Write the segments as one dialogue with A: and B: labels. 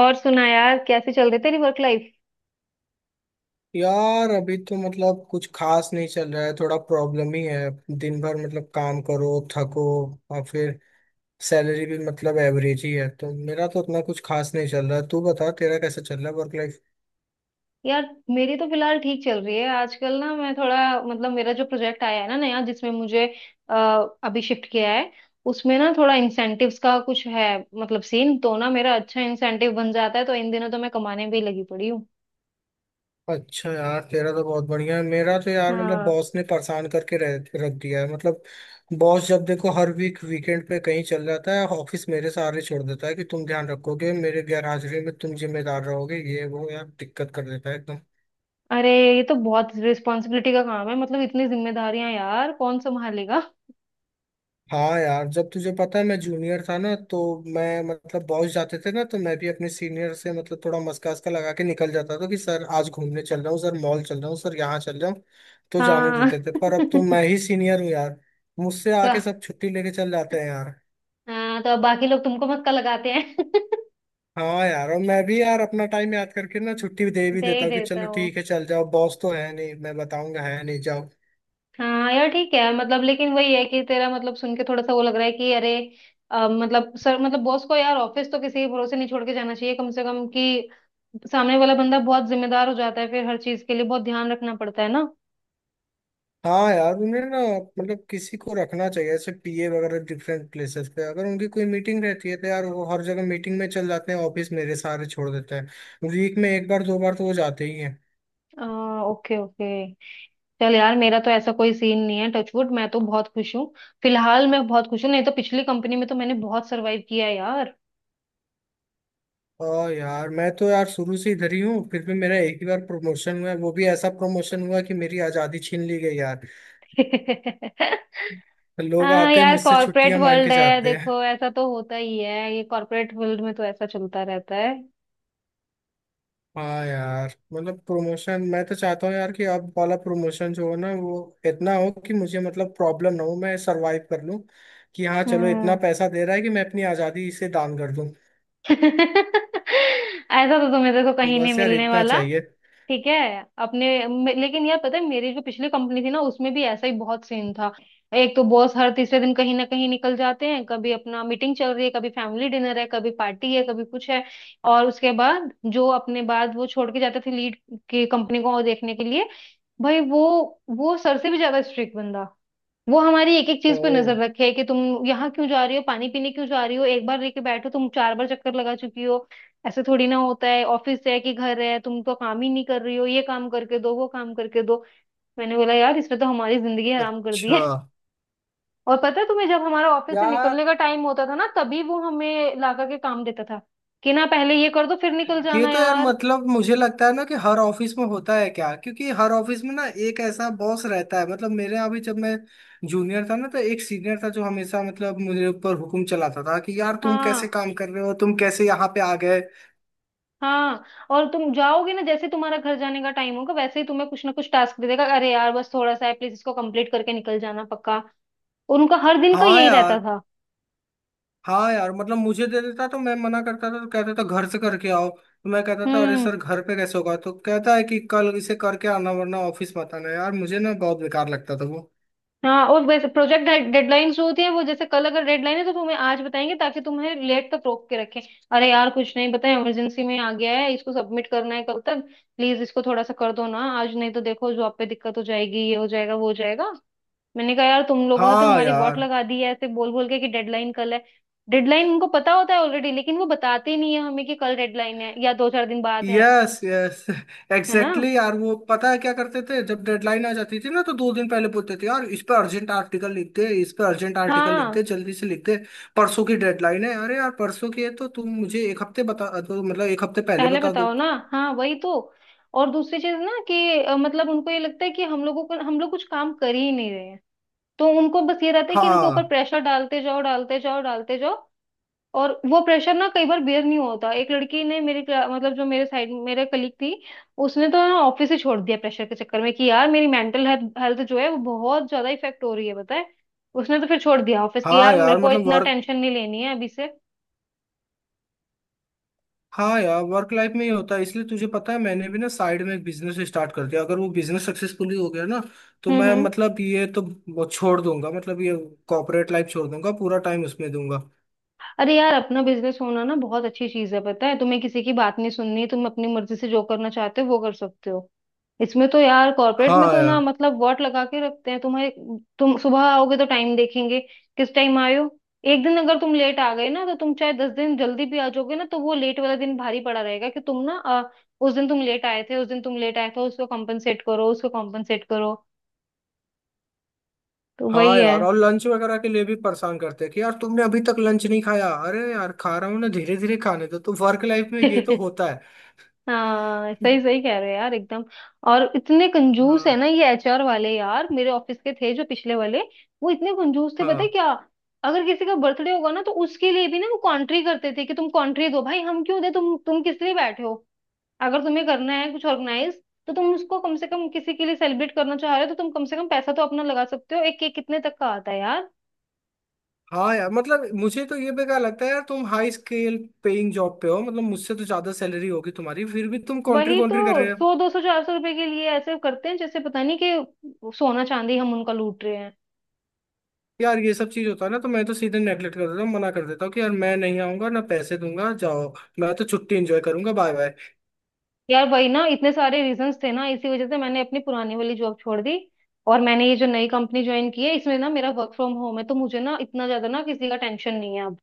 A: और सुना यार, कैसे चल रही है तेरी वर्क लाइफ?
B: यार अभी तो मतलब कुछ खास नहीं चल रहा है। थोड़ा प्रॉब्लम ही है। दिन भर मतलब काम करो, थको और फिर सैलरी भी मतलब एवरेज ही है। तो मेरा तो उतना कुछ खास नहीं चल रहा है। तू बता, तेरा कैसा चल रहा है वर्क लाइफ।
A: यार मेरी तो फिलहाल ठीक चल रही है। आजकल ना मैं थोड़ा मतलब मेरा जो प्रोजेक्ट आया है ना नया, जिसमें मुझे अ, अभी शिफ्ट किया है, उसमें ना थोड़ा इंसेंटिव्स का कुछ है। मतलब सीन तो ना मेरा अच्छा इंसेंटिव बन जाता है, तो इन दिनों तो मैं कमाने भी लगी पड़ी हूँ।
B: अच्छा यार, तेरा तो बहुत बढ़िया है। मेरा तो यार मतलब
A: हाँ,
B: बॉस ने परेशान करके रख दिया है मतलब। बॉस जब देखो हर वीक वीकेंड पे कहीं चल जाता है। ऑफिस मेरे सहारे छोड़ देता है कि तुम ध्यान रखोगे, मेरे गैरहाजिरी में तुम जिम्मेदार रहोगे, ये वो यार। दिक्कत कर देता है एकदम।
A: अरे ये तो बहुत रिस्पॉन्सिबिलिटी का काम है। मतलब इतनी जिम्मेदारियां यार कौन संभालेगा?
B: हाँ यार, जब तुझे पता है मैं जूनियर था ना, तो मैं मतलब बॉस जाते थे ना तो मैं भी अपने सीनियर से मतलब थोड़ा मस्का वस्का लगा के निकल जाता था कि सर आज घूमने चल रहा हूँ, सर मॉल चल रहा हूँ, सर यहाँ चल रहा हूँ। तो जाने
A: हाँ।
B: देते थे, पर अब तो मैं ही सीनियर हूँ यार। मुझसे
A: तो
B: आके सब छुट्टी लेके चल जाते हैं यार।
A: हाँ, तो अब बाकी लोग तुमको मक्का लगाते हैं।
B: हाँ यार, और मैं भी यार अपना टाइम याद करके ना छुट्टी दे भी
A: दे
B: देता
A: ही
B: हूँ कि
A: देता
B: चलो
A: हूँ।
B: ठीक है चल जाओ, बॉस तो है नहीं, मैं बताऊंगा है नहीं, जाओ।
A: हाँ यार ठीक है, मतलब लेकिन वही है कि तेरा मतलब सुन के थोड़ा सा वो लग रहा है कि अरे मतलब सर मतलब बॉस को यार ऑफिस तो किसी के भरोसे नहीं छोड़ के जाना चाहिए कम से कम, कि सामने वाला बंदा बहुत जिम्मेदार हो जाता है, फिर हर चीज के लिए बहुत ध्यान रखना पड़ता है ना।
B: हाँ यार उन्हें ना मतलब किसी को रखना चाहिए ऐसे पीए वगैरह। डिफरेंट प्लेसेस पे अगर उनकी कोई मीटिंग रहती है तो यार वो हर जगह मीटिंग में चल जाते हैं, ऑफिस मेरे सहारे छोड़ देते हैं। वीक में एक बार दो बार तो वो जाते ही हैं।
A: ओके ओके, चल यार, मेरा तो ऐसा कोई सीन नहीं है। टचवुड, मैं तो बहुत खुश हूँ। फिलहाल मैं बहुत खुश हूँ, नहीं तो पिछली कंपनी में तो मैंने बहुत सरवाइव किया है यार।
B: और यार मैं तो यार शुरू से इधर ही हूँ, फिर भी मेरा एक ही बार प्रमोशन हुआ है। वो भी ऐसा प्रमोशन हुआ कि मेरी आज़ादी छीन ली गई यार। लोग
A: हाँ
B: आते हैं
A: यार,
B: मुझसे
A: कॉर्पोरेट
B: छुट्टियां मांग के
A: वर्ल्ड है,
B: जाते हैं।
A: देखो ऐसा तो होता ही है। ये कॉर्पोरेट वर्ल्ड में तो ऐसा चलता रहता है।
B: हाँ यार, मतलब प्रमोशन मैं तो चाहता हूँ यार कि अब वाला प्रमोशन जो हो ना, वो इतना हो कि मुझे मतलब प्रॉब्लम ना हो, मैं सरवाइव कर लूँ। कि हाँ चलो, इतना
A: हम्म।
B: पैसा दे रहा है कि मैं अपनी आज़ादी इसे दान कर दूँ।
A: ऐसा तो तुम्हें देखो कहीं नहीं
B: बस यार
A: मिलने
B: इतना
A: वाला।
B: चाहिए।
A: ठीक है, लेकिन यार पता है, मेरी जो पिछली कंपनी थी ना, उसमें भी ऐसा ही बहुत सीन था। एक तो बॉस हर तीसरे दिन कहीं ना कहीं निकल जाते हैं। कभी अपना मीटिंग चल रही है, कभी फैमिली डिनर है, कभी पार्टी है, कभी कुछ है। और उसके बाद जो अपने बाद वो छोड़ के जाते थे लीड, की कंपनी को देखने के लिए, भाई वो सर से भी ज्यादा स्ट्रिक्ट बंदा। वो हमारी एक एक
B: ओ,
A: चीज पे नजर रखे कि तुम यहाँ क्यों जा रही हो, पानी पीने क्यों जा रही हो, एक बार लेके बैठो, तुम चार बार चक्कर लगा चुकी हो। ऐसे थोड़ी ना होता है। ऑफिस है कि घर है? तुम तो काम ही नहीं कर रही हो, ये काम करके दो, वो काम करके दो। मैंने बोला यार इसने तो हमारी जिंदगी हराम कर दी
B: अच्छा।
A: है। और पता है तुम्हें, जब हमारा ऑफिस से
B: यार
A: निकलने का टाइम होता था ना, तभी वो हमें लाकर के काम देता था कि ना पहले ये कर दो फिर निकल
B: ये
A: जाना
B: तो यार
A: यार।
B: मतलब मुझे लगता है ना कि हर ऑफिस में होता है क्या, क्योंकि हर ऑफिस में ना एक ऐसा बॉस रहता है। मतलब मेरे यहाँ भी जब मैं जूनियर था ना तो एक सीनियर था जो हमेशा मतलब मुझे ऊपर हुकुम चलाता था कि यार तुम कैसे
A: हाँ।
B: काम कर रहे हो, तुम कैसे यहाँ पे आ गए।
A: हाँ, और तुम जाओगे ना, जैसे तुम्हारा घर जाने का टाइम होगा, वैसे ही तुम्हें कुछ ना कुछ टास्क दे देगा, अरे यार बस थोड़ा सा है प्लीज, इसको कंप्लीट करके निकल जाना पक्का। और उनका हर दिन का
B: हाँ
A: यही रहता
B: यार।
A: था।
B: हाँ यार, मतलब मुझे दे देता तो मैं मना करता था, तो कहता था घर से करके आओ। तो मैं कहता था अरे
A: हम्म।
B: सर घर पे कैसे होगा, तो कहता है कि कल इसे करके आना वरना ऑफिस मत आना। यार मुझे ना बहुत बेकार लगता था वो।
A: हाँ, और वैसे प्रोजेक्ट डेडलाइंस जो होती है वो, जैसे कल अगर डेडलाइन है तो तुम्हें आज बताएंगे, ताकि तुम्हें लेट तक रोक के रखें। अरे यार कुछ नहीं, बताए इमरजेंसी में आ गया है, इसको सबमिट करना है कल तक, प्लीज इसको थोड़ा सा कर दो ना, आज नहीं तो देखो जॉब पे दिक्कत हो जाएगी, ये हो जाएगा, वो हो जाएगा। मैंने कहा यार तुम लोगों ने तो
B: हाँ
A: हमारी वॉट
B: यार।
A: लगा दी है ऐसे बोल बोल के कि डेडलाइन कल है। डेडलाइन उनको पता होता है ऑलरेडी, लेकिन वो बताते नहीं है हमें कि कल डेडलाइन है या दो चार दिन बाद है।
B: यस यस,
A: है ना।
B: एग्जैक्टली यार। वो पता है क्या करते थे, जब डेडलाइन आ जाती थी ना तो दो दिन पहले बोलते थे यार इस पे अर्जेंट आर्टिकल लिख दे, इस पे अर्जेंट आर्टिकल लिख
A: हाँ,
B: दे, जल्दी से लिख दे, परसों की डेडलाइन है। अरे यार परसों की है तो तुम मुझे एक हफ्ते बता दो, मतलब एक हफ्ते पहले
A: पहले
B: बता
A: बताओ
B: दो।
A: ना। हाँ वही तो। और दूसरी चीज ना कि मतलब उनको ये लगता है कि हम लोगों को, हम लोग कुछ काम कर ही नहीं रहे हैं, तो उनको बस ये रहता है कि इनके ऊपर
B: हाँ।
A: प्रेशर डालते जाओ, डालते जाओ, डालते जाओ। और वो प्रेशर ना कई बार बेयर नहीं होता, एक लड़की ने मतलब जो मेरे साइड मेरे कलीग थी, उसने तो ना ऑफिस ही छोड़ दिया प्रेशर के चक्कर में कि यार मेरी मेंटल हेल्थ जो है वो बहुत ज्यादा इफेक्ट हो रही है, बताए। उसने तो फिर छोड़ दिया ऑफिस, की
B: हाँ
A: यार मेरे
B: यार
A: को
B: मतलब
A: इतना
B: वर्क,
A: टेंशन नहीं लेनी है अभी से।
B: हाँ यार वर्क लाइफ में ही होता है। इसलिए तुझे पता है मैंने भी ना साइड में एक बिजनेस स्टार्ट कर दिया। अगर वो बिजनेस सक्सेसफुली हो गया ना तो
A: हम्म।
B: मैं
A: हम्म।
B: मतलब ये तो वो छोड़ दूंगा, मतलब ये कॉर्पोरेट लाइफ छोड़ दूंगा, पूरा टाइम उसमें दूंगा।
A: अरे यार अपना बिजनेस होना ना बहुत अच्छी चीज है, पता है तुम्हें? किसी की बात नहीं सुननी, तुम अपनी मर्जी से जो करना चाहते हो वो कर सकते हो। इसमें तो यार, कॉर्पोरेट में
B: हाँ
A: तो ना
B: यार।
A: मतलब वॉट लगा के रखते हैं तुम्हारे। तुम सुबह आओगे तो टाइम देखेंगे, किस टाइम आए हो। एक दिन अगर तुम लेट आ गए ना, तो तुम चाहे दस दिन जल्दी भी आ जाओगे ना, तो वो लेट वाला दिन भारी पड़ा रहेगा कि तुम ना उस दिन तुम लेट आए थे, उस दिन तुम लेट आए थे, उसको कॉम्पनसेट करो, उसको कॉम्पनसेट करो। तो
B: हाँ
A: वही है।
B: यार, और लंच वगैरह के लिए भी परेशान करते हैं कि यार तुमने अभी तक लंच नहीं खाया। अरे यार खा रहा हूँ ना, धीरे धीरे खाने दो। तो वर्क लाइफ में ये तो होता है।
A: हाँ सही सही कह रहे हो यार एकदम। और इतने कंजूस है
B: हाँ।
A: ना ये एचआर वाले यार, मेरे ऑफिस के थे जो पिछले वाले, वो इतने कंजूस थे पता है
B: हाँ।
A: क्या, अगर किसी का बर्थडे होगा ना तो उसके लिए भी ना वो कॉन्ट्री करते थे कि तुम कॉन्ट्री दो। भाई हम क्यों दे, तुम किस लिए बैठे हो? अगर तुम्हें करना है कुछ ऑर्गेनाइज, तो तुम उसको कम से कम किसी के लिए सेलिब्रेट करना चाह रहे हो तो तुम कम से कम पैसा तो अपना लगा सकते हो। एक केक कितने तक का आता है यार?
B: हाँ यार मतलब मुझे तो ये बेकार लगता है। यार तुम हाई स्केल पेइंग जॉब पे हो, मतलब मुझसे तो ज्यादा सैलरी होगी तुम्हारी, फिर भी तुम कॉन्ट्री
A: वही तो,
B: कॉन्ट्री कर रहे हो।
A: सौ दो सौ चार सौ रुपए के लिए ऐसे करते हैं जैसे पता नहीं कि सोना चांदी हम उनका लूट रहे हैं।
B: यार ये सब चीज होता है ना तो मैं तो सीधे नेगलेक्ट कर देता हूँ, मना कर देता हूँ कि यार मैं नहीं आऊंगा, ना पैसे दूंगा, जाओ। मैं तो छुट्टी एंजॉय करूंगा, बाय बाय।
A: यार वही ना, इतने सारे रीजंस थे ना, इसी वजह से मैंने अपनी पुरानी वाली जॉब छोड़ दी। और मैंने ये जो नई कंपनी ज्वाइन की है, इसमें ना मेरा वर्क फ्रॉम होम है, तो मुझे ना इतना ज्यादा ना किसी का टेंशन नहीं है अब।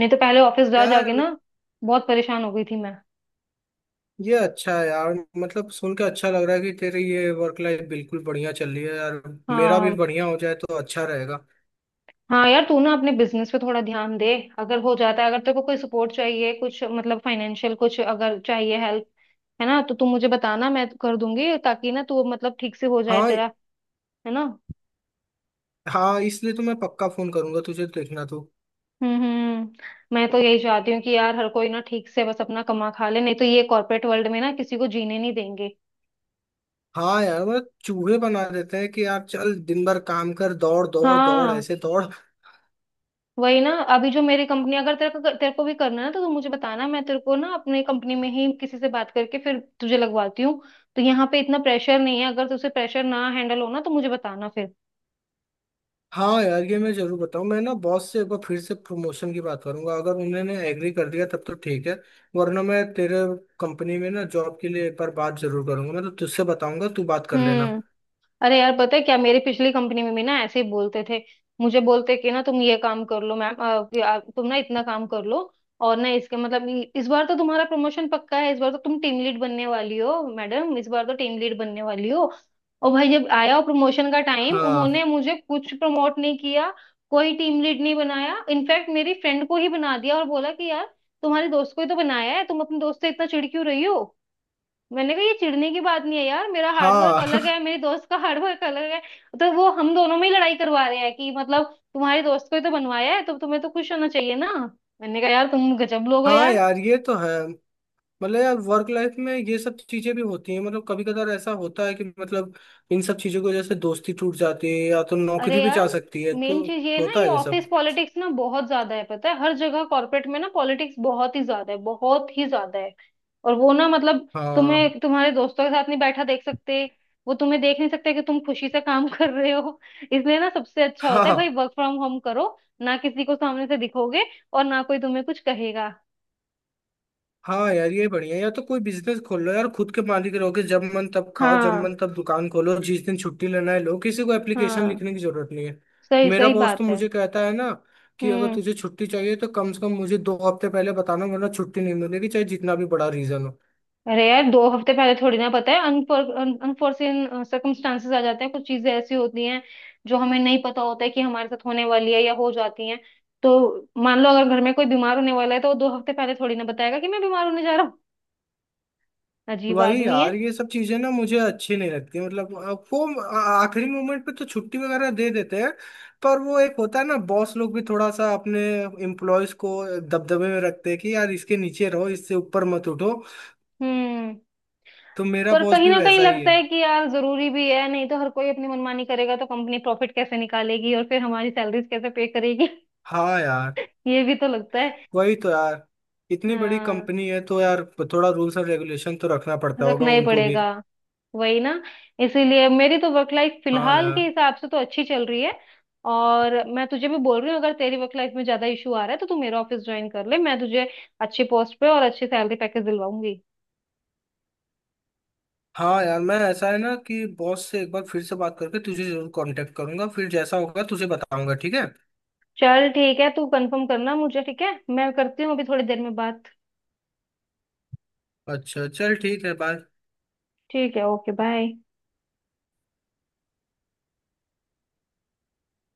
A: नहीं तो पहले ऑफिस जा
B: यार
A: जाके ना बहुत परेशान हो गई थी मैं।
B: ये अच्छा है यार, मतलब सुन के अच्छा लग रहा है कि तेरी ये वर्क लाइफ बिल्कुल बढ़िया चल रही है यार। मेरा भी
A: हाँ।
B: बढ़िया हो जाए तो अच्छा रहेगा।
A: हाँ यार, तू ना अपने बिजनेस पे थोड़ा ध्यान दे। अगर हो जाता है, अगर तेरे को कोई सपोर्ट चाहिए कुछ, मतलब फाइनेंशियल कुछ अगर चाहिए हेल्प, है ना, तो तू मुझे बताना, मैं कर दूंगी, ताकि ना तू मतलब ठीक से हो जाए
B: हाँ।
A: तेरा, है ना।
B: हाँ, इसलिए तो मैं पक्का फोन करूंगा तुझे, देखना तू।
A: हम्म। हम्म। मैं तो यही चाहती हूँ कि यार हर कोई ना ठीक से बस अपना कमा खा ले, नहीं तो ये कॉर्पोरेट वर्ल्ड में ना किसी को जीने नहीं देंगे।
B: हाँ यार, मतलब चूहे बना देते हैं कि यार चल दिन भर काम कर, दौड़ दौड़ दौड़,
A: हाँ,
B: ऐसे दौड़।
A: वही ना, अभी जो मेरी कंपनी, अगर तेरे को भी करना है ना, तो तू मुझे बताना, मैं तेरे को ना अपने कंपनी में ही किसी से बात करके फिर तुझे लगवाती हूँ। तो यहाँ पे इतना प्रेशर नहीं है, अगर तुझे प्रेशर ना हैंडल हो ना तो मुझे बताना फिर।
B: हाँ यार ये मैं जरूर बताऊँ। मैं ना बॉस से एक बार फिर से प्रमोशन की बात करूंगा, अगर उन्होंने एग्री कर दिया तब तो ठीक है, वरना मैं तेरे कंपनी में ना जॉब के लिए एक बार बात जरूर करूंगा। मैं तो तुझसे बताऊंगा, तू बात कर लेना।
A: हम्म। अरे यार पता है क्या, मेरी पिछली कंपनी में भी ना ऐसे ही बोलते थे। मुझे बोलते कि ना तुम ये काम कर लो मैम, कि तुम ना इतना काम कर लो, और ना इसके मतलब इस बार तो तुम्हारा प्रमोशन पक्का है, इस बार तो तुम टीम लीड बनने वाली हो मैडम, इस बार तो टीम लीड बनने वाली हो। और भाई जब आया प्रमोशन का टाइम, उन्होंने
B: हाँ।
A: मुझे कुछ प्रमोट नहीं किया, कोई टीम लीड नहीं बनाया। इनफैक्ट मेरी फ्रेंड को ही बना दिया, और बोला कि यार तुम्हारे दोस्त को ही तो बनाया है, तुम अपने दोस्त से इतना चिढ़ क्यों रही हो? मैंने कहा ये चिढ़ने की बात नहीं है यार, मेरा हार्डवर्क
B: हाँ।
A: अलग है, मेरे दोस्त का हार्डवर्क अलग है। तो वो हम दोनों में ही लड़ाई करवा रहे हैं कि मतलब तुम्हारे दोस्त को ही तो बनवाया है, तो तुम्हें तो खुश होना चाहिए ना। मैंने कहा यार तुम गजब लोग हो
B: हाँ
A: यार।
B: यार ये तो है। मतलब यार वर्क लाइफ में ये सब चीजें भी होती हैं। मतलब कभी कदार ऐसा होता है कि मतलब इन सब चीजों की वजह से दोस्ती टूट जाती है या तो नौकरी
A: अरे
B: भी
A: यार,
B: जा सकती है,
A: मेन
B: तो
A: चीज ये है ना,
B: होता
A: ये
B: है ये
A: ऑफिस
B: सब।
A: पॉलिटिक्स ना बहुत ज्यादा है, पता है, हर जगह कॉर्पोरेट में ना पॉलिटिक्स बहुत ही ज्यादा है, बहुत ही ज्यादा है। और वो ना मतलब
B: हाँ।
A: तुम्हें तुम्हारे दोस्तों के साथ नहीं बैठा देख सकते, वो तुम्हें देख नहीं सकते कि तुम खुशी से काम कर रहे हो। इसलिए ना सबसे अच्छा होता है भाई,
B: हाँ।
A: वर्क फ्रॉम होम करो, ना किसी को सामने से दिखोगे और ना कोई तुम्हें कुछ कहेगा।
B: हाँ यार ये बढ़िया है। या तो कोई बिजनेस खोल लो यार, खुद के मालिक रहोगे, जब मन तब खाओ, जब
A: हाँ।
B: मन तब दुकान खोलो, जिस दिन छुट्टी लेना है लो, किसी को एप्लीकेशन
A: हाँ
B: लिखने की जरूरत नहीं है।
A: सही
B: मेरा
A: सही
B: बॉस तो
A: बात है।
B: मुझे कहता है ना कि अगर
A: हम्म।
B: तुझे छुट्टी चाहिए तो कम से कम मुझे दो हफ्ते पहले बताना, वरना छुट्टी नहीं मिलेगी चाहे जितना भी बड़ा रीजन हो।
A: अरे यार, दो हफ्ते पहले थोड़ी ना पता है, अनफॉर्चुन सर्कमस्टांसेस आ जाते हैं, कुछ चीजें ऐसी होती हैं जो हमें नहीं पता होता है कि हमारे साथ होने वाली है या हो जाती हैं। तो मान लो अगर घर में कोई बीमार होने वाला है, तो वो दो हफ्ते पहले थोड़ी ना बताएगा कि मैं बीमार होने जा रहा हूँ। अजीब
B: वही
A: आदमी है।
B: यार ये सब चीजें ना मुझे अच्छी नहीं लगती। मतलब वो आखिरी मोमेंट पे तो छुट्टी वगैरह दे देते हैं, पर वो एक होता है ना, बॉस लोग भी थोड़ा सा अपने एम्प्लॉयज को दबदबे में रखते हैं कि यार इसके नीचे रहो, इससे ऊपर मत उठो।
A: हम्म।
B: तो मेरा
A: पर
B: बॉस
A: कहीं
B: भी
A: ना कहीं
B: वैसा ही
A: लगता
B: है।
A: है कि यार जरूरी भी है, नहीं तो हर कोई अपनी मनमानी करेगा, तो कंपनी प्रॉफिट कैसे निकालेगी और फिर हमारी सैलरीज कैसे पे करेगी?
B: हाँ यार।
A: ये भी तो लगता है।
B: वही तो यार, इतनी बड़ी
A: हाँ,
B: कंपनी है तो यार थोड़ा रूल्स और रेगुलेशन तो रखना पड़ता होगा
A: रखना ही
B: उनको भी।
A: पड़ेगा, वही ना। इसीलिए मेरी तो वर्क लाइफ
B: हाँ
A: फिलहाल के
B: यार।
A: हिसाब से तो अच्छी चल रही है। और मैं तुझे भी बोल रही हूँ, अगर तेरी वर्क लाइफ में ज्यादा इशू आ रहा है तो तू मेरा ऑफिस ज्वाइन कर ले, मैं तुझे अच्छे पोस्ट पे और अच्छे सैलरी पैकेज दिलवाऊंगी।
B: हाँ यार, मैं ऐसा है ना कि बॉस से एक बार फिर से बात करके तुझे जरूर कांटेक्ट करूंगा, फिर जैसा होगा तुझे बताऊंगा, ठीक है।
A: चल ठीक है, तू कंफर्म करना मुझे, ठीक है? मैं करती हूँ अभी थोड़ी देर में बात।
B: अच्छा चल ठीक है, बाय।
A: ठीक है, ओके, बाय।